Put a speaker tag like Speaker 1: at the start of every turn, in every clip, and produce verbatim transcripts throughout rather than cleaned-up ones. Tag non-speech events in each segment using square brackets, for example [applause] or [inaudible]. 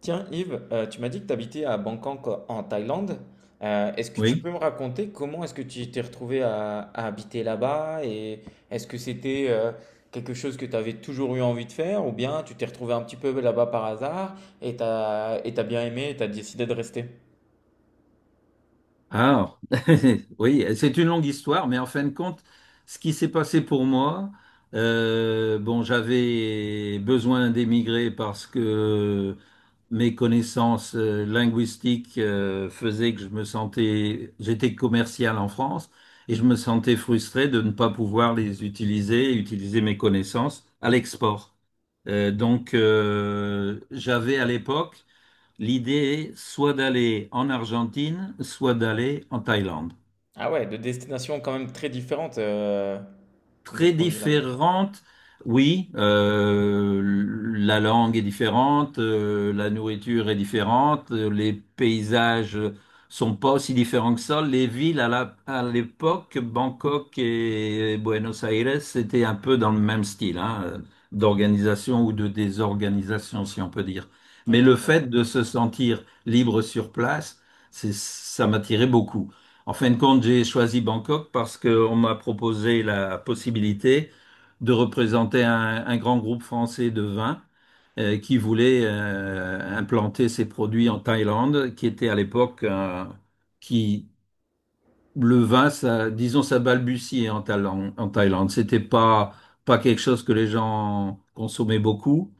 Speaker 1: Tiens, Yves, euh, tu m'as dit que tu habitais à Bangkok euh, en Thaïlande. Euh, est-ce que tu peux
Speaker 2: Oui.
Speaker 1: me raconter comment est-ce que tu t'es retrouvé à, à habiter là-bas et est-ce que c'était euh, quelque chose que tu avais toujours eu envie de faire ou bien tu t'es retrouvé un petit peu là-bas par hasard et t'as, et t'as bien aimé et t'as décidé de rester?
Speaker 2: Ah, [laughs] oui, euh, c'est une longue histoire, mais en fin de compte, ce qui s'est passé pour moi, euh, bon, j'avais besoin d'émigrer parce que mes connaissances euh, linguistiques euh, faisaient que je me sentais, j'étais commercial en France et je me sentais frustré de ne pas pouvoir les utiliser, utiliser mes connaissances à l'export. Euh, donc, euh, j'avais à l'époque l'idée, soit d'aller en Argentine, soit d'aller en Thaïlande.
Speaker 1: Ah ouais, de destinations quand même très différentes euh, de ce
Speaker 2: Très
Speaker 1: point de vue-là.
Speaker 2: différentes. Oui, euh, la langue est différente, euh, la nourriture est différente, euh, les paysages sont pas aussi différents que ça. Les villes à la- à l'époque, Bangkok et Buenos Aires, c'était un peu dans le même style, hein, d'organisation ou de désorganisation, si on peut dire. Mais
Speaker 1: Ok,
Speaker 2: le
Speaker 1: je vois.
Speaker 2: fait de se sentir libre sur place, c'est, ça m'attirait beaucoup. En fin de compte, j'ai choisi Bangkok parce qu'on m'a proposé la possibilité de représenter un, un grand groupe français de vin euh, qui voulait euh, implanter ses produits en Thaïlande, qui était à l'époque euh, qui le vin, ça, disons, ça balbutiait en Thaïlande. En Thaïlande, c'était pas pas quelque chose que les gens consommaient beaucoup.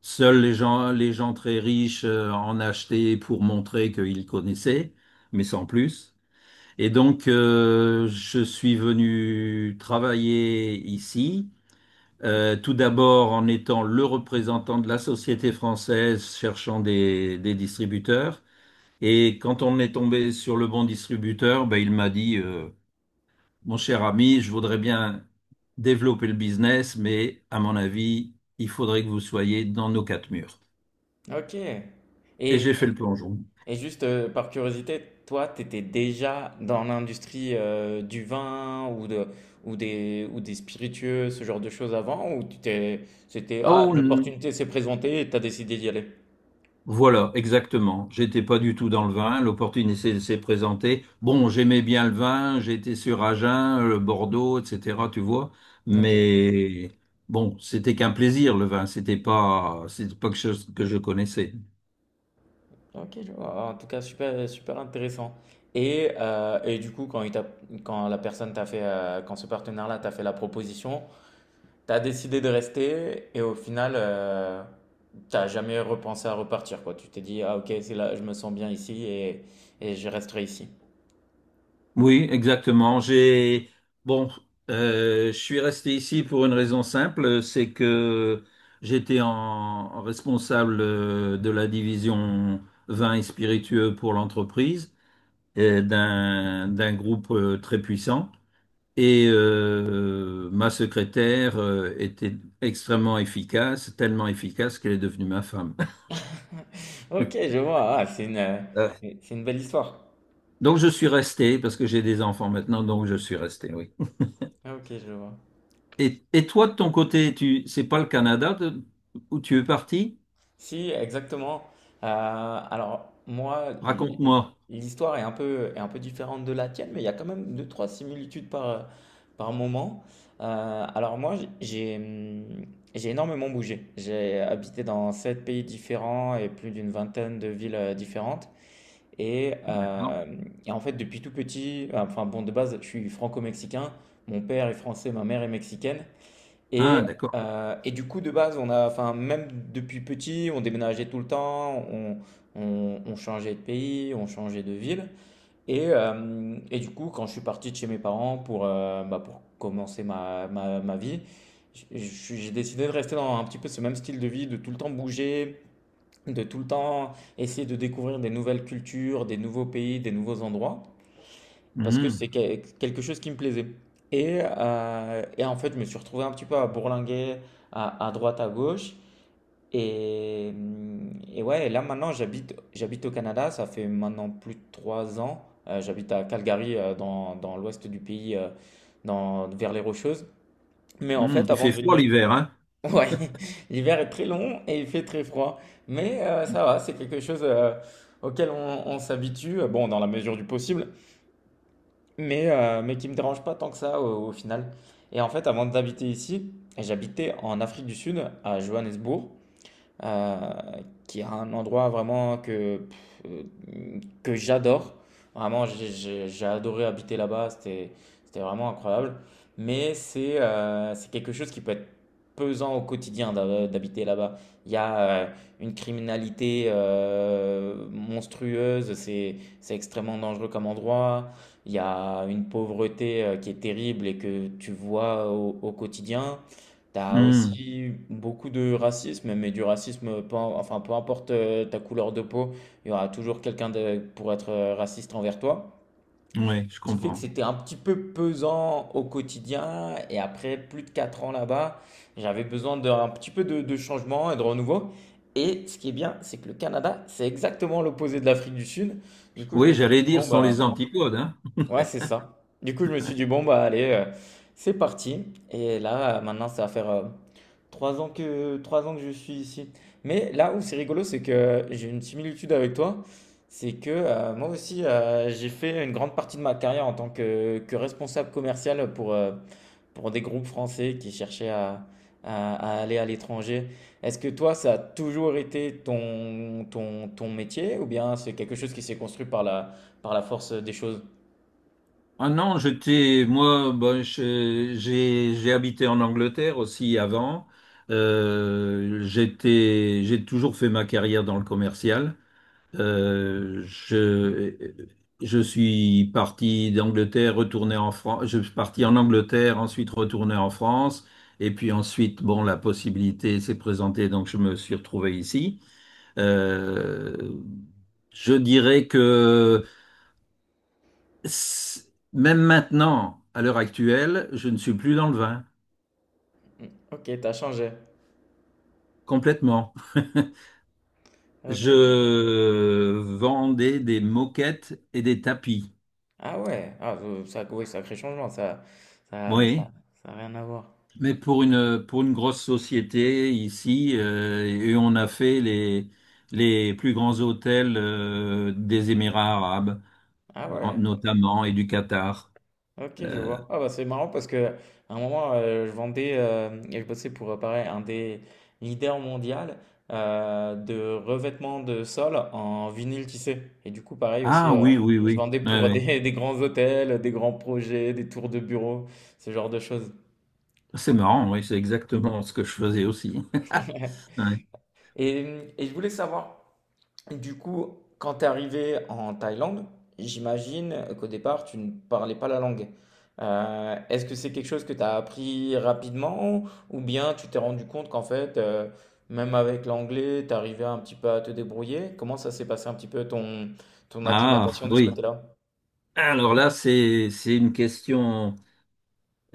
Speaker 2: Seuls les gens les gens très riches euh, en achetaient pour montrer qu'ils connaissaient, mais sans plus. Et donc, euh, je suis venu travailler ici, euh, tout d'abord en étant le représentant de la société française cherchant des, des distributeurs. Et quand on est tombé sur le bon distributeur, ben, il m'a dit, euh, mon cher ami, je voudrais bien développer le business, mais à mon avis, il faudrait que vous soyez dans nos quatre murs.
Speaker 1: Ok.
Speaker 2: Et j'ai
Speaker 1: Et,
Speaker 2: fait le plongeon.
Speaker 1: Et juste euh, par curiosité, toi, tu étais déjà dans l'industrie euh, du vin ou de, ou des, ou des spiritueux, ce genre de choses avant, ou tu t'es, c'était, ah,
Speaker 2: Oh
Speaker 1: l'opportunité s'est présentée et tu as décidé d'y aller?
Speaker 2: Voilà, exactement. J'étais pas du tout dans le vin. L'opportunité s'est présentée. Bon, j'aimais bien le vin. J'étais sur Agen, le Bordeaux, et cetera. Tu vois.
Speaker 1: Ok,
Speaker 2: Mais bon, c'était qu'un plaisir, le vin. C'était pas, c'était pas quelque chose que je connaissais.
Speaker 1: ok, je vois. En tout cas, super, super intéressant. Et, euh, et du coup, quand, il t'a- quand la personne t'a fait, euh, quand ce partenaire-là t'a fait la proposition, t'as décidé de rester et au final, euh, t'as jamais repensé à repartir, quoi. Tu t'es dit, ah ok, c'est là, je me sens bien ici et, et je resterai ici.
Speaker 2: Oui, exactement. J'ai, bon, euh, je suis resté ici pour une raison simple, c'est que j'étais en responsable euh, de la division vin et spiritueux pour l'entreprise, euh, d'un d'un groupe euh, très puissant. Et euh, ma secrétaire euh, était extrêmement efficace, tellement efficace qu'elle est devenue ma femme. [laughs]
Speaker 1: Ok, je vois. Ah, c'est une, euh,
Speaker 2: Euh,
Speaker 1: c'est une belle histoire.
Speaker 2: donc je suis resté parce que j'ai des enfants maintenant, donc je suis resté, oui.
Speaker 1: Ah, ok, je vois.
Speaker 2: Et, et toi, de ton côté, tu, c'est pas le Canada de- où tu es parti?
Speaker 1: Si, exactement. Euh, alors, moi, l- l-
Speaker 2: Raconte-moi.
Speaker 1: l'histoire est un peu, est un peu différente de la tienne, mais il y a quand même deux, trois similitudes par, par moment. Euh, alors, moi, j- j'ai, hum, j'ai énormément bougé. J'ai habité dans sept pays différents et plus d'une vingtaine de villes euh, différentes. Et,
Speaker 2: D'accord.
Speaker 1: euh, et en fait, depuis tout petit, enfin, bon, de base, je suis franco-mexicain. Mon père est français, ma mère est mexicaine.
Speaker 2: Ah,
Speaker 1: Et,
Speaker 2: d'accord.
Speaker 1: euh, et du coup, de base, on a, enfin, même depuis petit, on déménageait tout le temps, on, on- on changeait de pays, on changeait de ville. Et, euh, et du coup, quand je suis parti de chez mes parents pour, euh, bah, pour commencer ma, ma, ma vie, j- j- j'ai décidé de rester dans un petit peu ce même style de vie, de tout le temps bouger, de tout le temps essayer de découvrir des nouvelles cultures, des nouveaux pays, des nouveaux endroits parce que c'est
Speaker 2: Mhm.
Speaker 1: que- quelque chose qui me plaisait. Et, euh, et en fait, je me suis retrouvé un petit peu à bourlinguer à, à droite, à gauche. Et, hum, et ouais, et là maintenant, j'habite, j'habite au Canada. Ça fait maintenant plus de trois ans. Euh, j'habite à Calgary, euh, dans, dans l'ouest du pays, euh, dans, vers les Rocheuses. Mais en
Speaker 2: Mhm.
Speaker 1: fait,
Speaker 2: Il
Speaker 1: avant
Speaker 2: fait
Speaker 1: de
Speaker 2: froid
Speaker 1: venir...
Speaker 2: l'hiver, hein?
Speaker 1: [laughs] Ouais, l'hiver est très long et il fait très froid. Mais euh, ça va, c'est quelque chose euh, auquel on, on s'habitue, euh, bon, dans la mesure du possible mais, euh, mais qui me dérange pas tant que ça au, au final. Et en fait, avant d'habiter ici, j'habitais en Afrique du Sud, à Johannesburg, euh, qui est un endroit vraiment que, que j'adore. Vraiment, j'ai j'ai- j'ai adoré habiter là-bas, c'était, c'était vraiment incroyable. Mais c'est euh, c'est quelque chose qui peut être pesant au quotidien d'hab- d'habiter là-bas. Il y a euh, une criminalité euh, monstrueuse, c'est c'est extrêmement dangereux comme endroit. Il y a une pauvreté euh, qui est terrible et que tu vois au, au quotidien. T'as
Speaker 2: Mmh.
Speaker 1: aussi beaucoup de racisme, mais du racisme, peu, im- enfin, peu importe euh, ta couleur de peau, il y aura toujours quelqu'un de- pour être euh, raciste envers toi.
Speaker 2: Oui, je
Speaker 1: Ce qui fait que
Speaker 2: comprends.
Speaker 1: c'était un petit peu pesant au quotidien. Et après plus de quatre ans là-bas, j'avais besoin d'un petit peu de, de changement et de renouveau. Et ce qui est bien, c'est que le Canada, c'est exactement l'opposé de l'Afrique du Sud. Du coup, je me
Speaker 2: Oui,
Speaker 1: suis
Speaker 2: j'allais
Speaker 1: dit,
Speaker 2: dire,
Speaker 1: bon,
Speaker 2: ce sont les
Speaker 1: bah,
Speaker 2: antipodes, hein.
Speaker 1: ouais, c'est ça. Du coup, je me suis dit, bon, bah, allez, euh, c'est parti. Et là, euh, maintenant, ça va faire. euh, Trois ans que, trois ans que je suis ici. Mais là où c'est rigolo, c'est que j'ai une similitude avec toi. C'est que euh, moi aussi, euh, j'ai fait une grande partie de ma carrière en tant que, que responsable commercial pour, euh, pour des groupes français qui cherchaient à, à- à aller à l'étranger. Est-ce que toi, ça a toujours été ton, ton, ton métier ou bien c'est quelque chose qui s'est construit par la, par la force des choses?
Speaker 2: Ah non, j'étais moi, bah, je- j'ai j'ai habité en Angleterre aussi avant. Euh, j'étais, j'ai toujours fait ma carrière dans le commercial. Euh, je je suis parti d'Angleterre, retourné en France. Je suis parti en Angleterre, ensuite retourné en France, et puis ensuite, bon, la possibilité s'est présentée, donc je me suis retrouvé ici. Euh, je dirais que c- même maintenant, à l'heure actuelle, je ne suis plus dans le vin,
Speaker 1: Ok, t'as changé.
Speaker 2: complètement.
Speaker 1: Ok. je-
Speaker 2: Je vendais des moquettes et des tapis.
Speaker 1: Ah ouais, ah, euh, ça, oui, sacré changement, ça, ça,
Speaker 2: Oui,
Speaker 1: ça, ça a rien à voir.
Speaker 2: mais pour une, pour une grosse société ici, euh, et on a fait les, les plus grands hôtels euh, des Émirats arabes,
Speaker 1: Ah
Speaker 2: en-
Speaker 1: ouais,
Speaker 2: notamment, et du Qatar.
Speaker 1: ok, je
Speaker 2: Euh,
Speaker 1: vois. Ah bah c'est marrant parce que à un moment euh, je vendais euh, et je bossais pour euh, pareil un des leaders mondial euh, de revêtement de sol en vinyle tissé. Et du coup pareil
Speaker 2: ah
Speaker 1: aussi,
Speaker 2: Ah
Speaker 1: euh,
Speaker 2: oui, ouais, oui,
Speaker 1: je
Speaker 2: oui.
Speaker 1: vendais
Speaker 2: Ouais,
Speaker 1: pour
Speaker 2: ouais.
Speaker 1: des, [laughs] des grands hôtels, des grands projets, des tours de bureau, ce genre de choses.
Speaker 2: C'est marrant, oui, c'est exactement ce que je faisais aussi. [laughs]
Speaker 1: [laughs]
Speaker 2: Ouais.
Speaker 1: Et, et je voulais savoir du coup, quand tu es arrivé en Thaïlande, j'imagine qu'au départ, tu ne parlais pas la langue. Euh, est-ce que c'est quelque chose que tu as appris rapidement ou bien tu t'es rendu compte qu'en fait, euh, même avec l'anglais, tu arrivais un petit peu à te débrouiller? Comment ça s'est passé un petit peu ton, ton
Speaker 2: Ah
Speaker 1: acclimatation de ce
Speaker 2: oui.
Speaker 1: côté-là?
Speaker 2: Alors là, c'est, c'est une question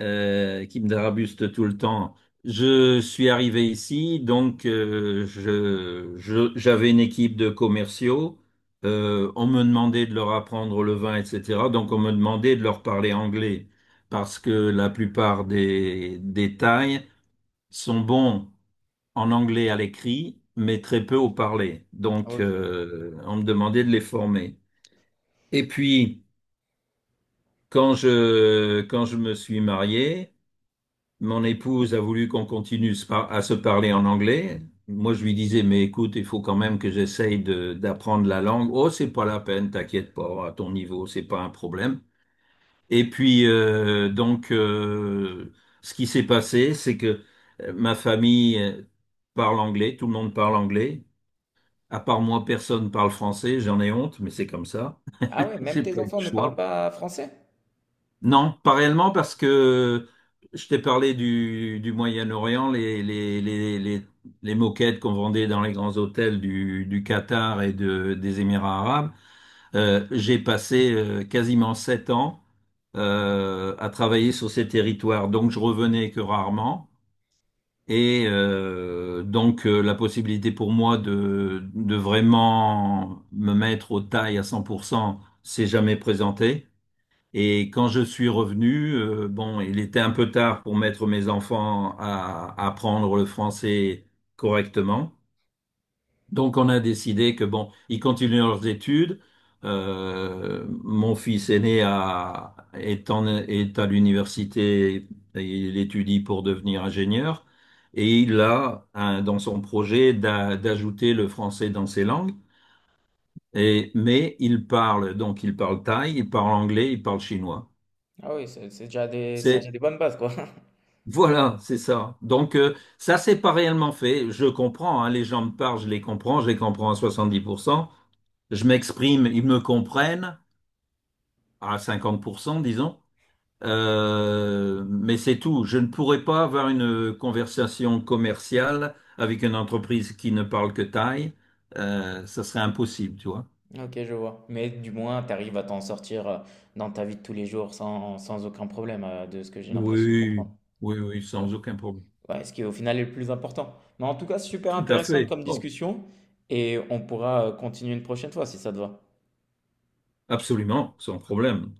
Speaker 2: euh, qui me dérabuste tout le temps. Je suis arrivé ici, donc euh, je, je- j'avais une équipe de commerciaux. Euh, on me demandait de leur apprendre le vin, et cetera. Donc on me demandait de leur parler anglais parce que la plupart des, des Thaïs sont bons en anglais à l'écrit, mais très peu au parler. Donc
Speaker 1: Ok.
Speaker 2: euh, on me demandait de les former. Et puis... Quand je, quand je me suis marié, mon épouse a voulu qu'on continue se par- à se parler en anglais. Moi, je lui disais, mais écoute, il faut quand même que j'essaye de- d'apprendre la langue. Oh, c'est pas la peine, t'inquiète pas, à ton niveau, c'est pas un problème. Et puis, euh, donc, euh, ce qui s'est passé, c'est que euh, ma famille euh, parle anglais, tout le monde parle anglais. À part moi, personne parle français, j'en ai honte, mais c'est comme ça.
Speaker 1: Ah ouais,
Speaker 2: [laughs]
Speaker 1: même
Speaker 2: C'est
Speaker 1: tes
Speaker 2: pas le
Speaker 1: enfants ne parlent
Speaker 2: choix.
Speaker 1: pas français?
Speaker 2: Non, pas réellement parce que je t'ai parlé du, du Moyen-Orient, les, les, les, les, les moquettes qu'on vendait dans les grands hôtels du, du Qatar et de, des Émirats arabes. Euh, j'ai passé euh, quasiment sept ans euh, à travailler sur ces territoires, donc je revenais que rarement. Et euh, donc euh, la possibilité pour moi de, de vraiment me mettre aux tailles à cent pour cent s'est jamais présentée. Et quand je suis revenu, euh, bon, il était un peu tard pour mettre mes enfants à à apprendre le français correctement. Donc on a décidé que bon, ils continuent leurs études. Euh, mon fils aîné a, est, en- est à l'université, il étudie pour devenir ingénieur et il a un- dans son projet d'a- d'ajouter le français dans ses langues. Et, mais il parle, donc il parle thaï, il parle anglais, il parle chinois.
Speaker 1: Ah oui, c'est c'est déjà des, c'est déjà des
Speaker 2: C'est,
Speaker 1: bonnes bases, quoi. [laughs]
Speaker 2: Voilà, c'est ça. Donc euh, ça, c'est pas réellement fait. Je comprends, hein, les gens me parlent, je les comprends, je les comprends à soixante-dix pour cent. Je m'exprime, ils me comprennent à cinquante pour cent, disons. Euh, mais c'est tout. Je ne pourrais pas avoir une conversation commerciale avec une entreprise qui ne parle que taille. Euh, ça serait impossible, tu vois.
Speaker 1: Ok, je vois. Mais du moins, tu arrives à t'en sortir euh, dans ta vie de tous les jours sans, sans aucun problème, euh, de ce que j'ai l'impression de
Speaker 2: Oui,
Speaker 1: comprendre.
Speaker 2: oui, oui,
Speaker 1: Ouais.
Speaker 2: sans aucun problème.
Speaker 1: Ouais, ce qui au final est le plus important. Mais en tout cas, super
Speaker 2: Tout à
Speaker 1: intéressant
Speaker 2: fait.
Speaker 1: comme
Speaker 2: Bon,
Speaker 1: discussion et on pourra euh, continuer une prochaine fois si ça te va.
Speaker 2: absolument, sans problème.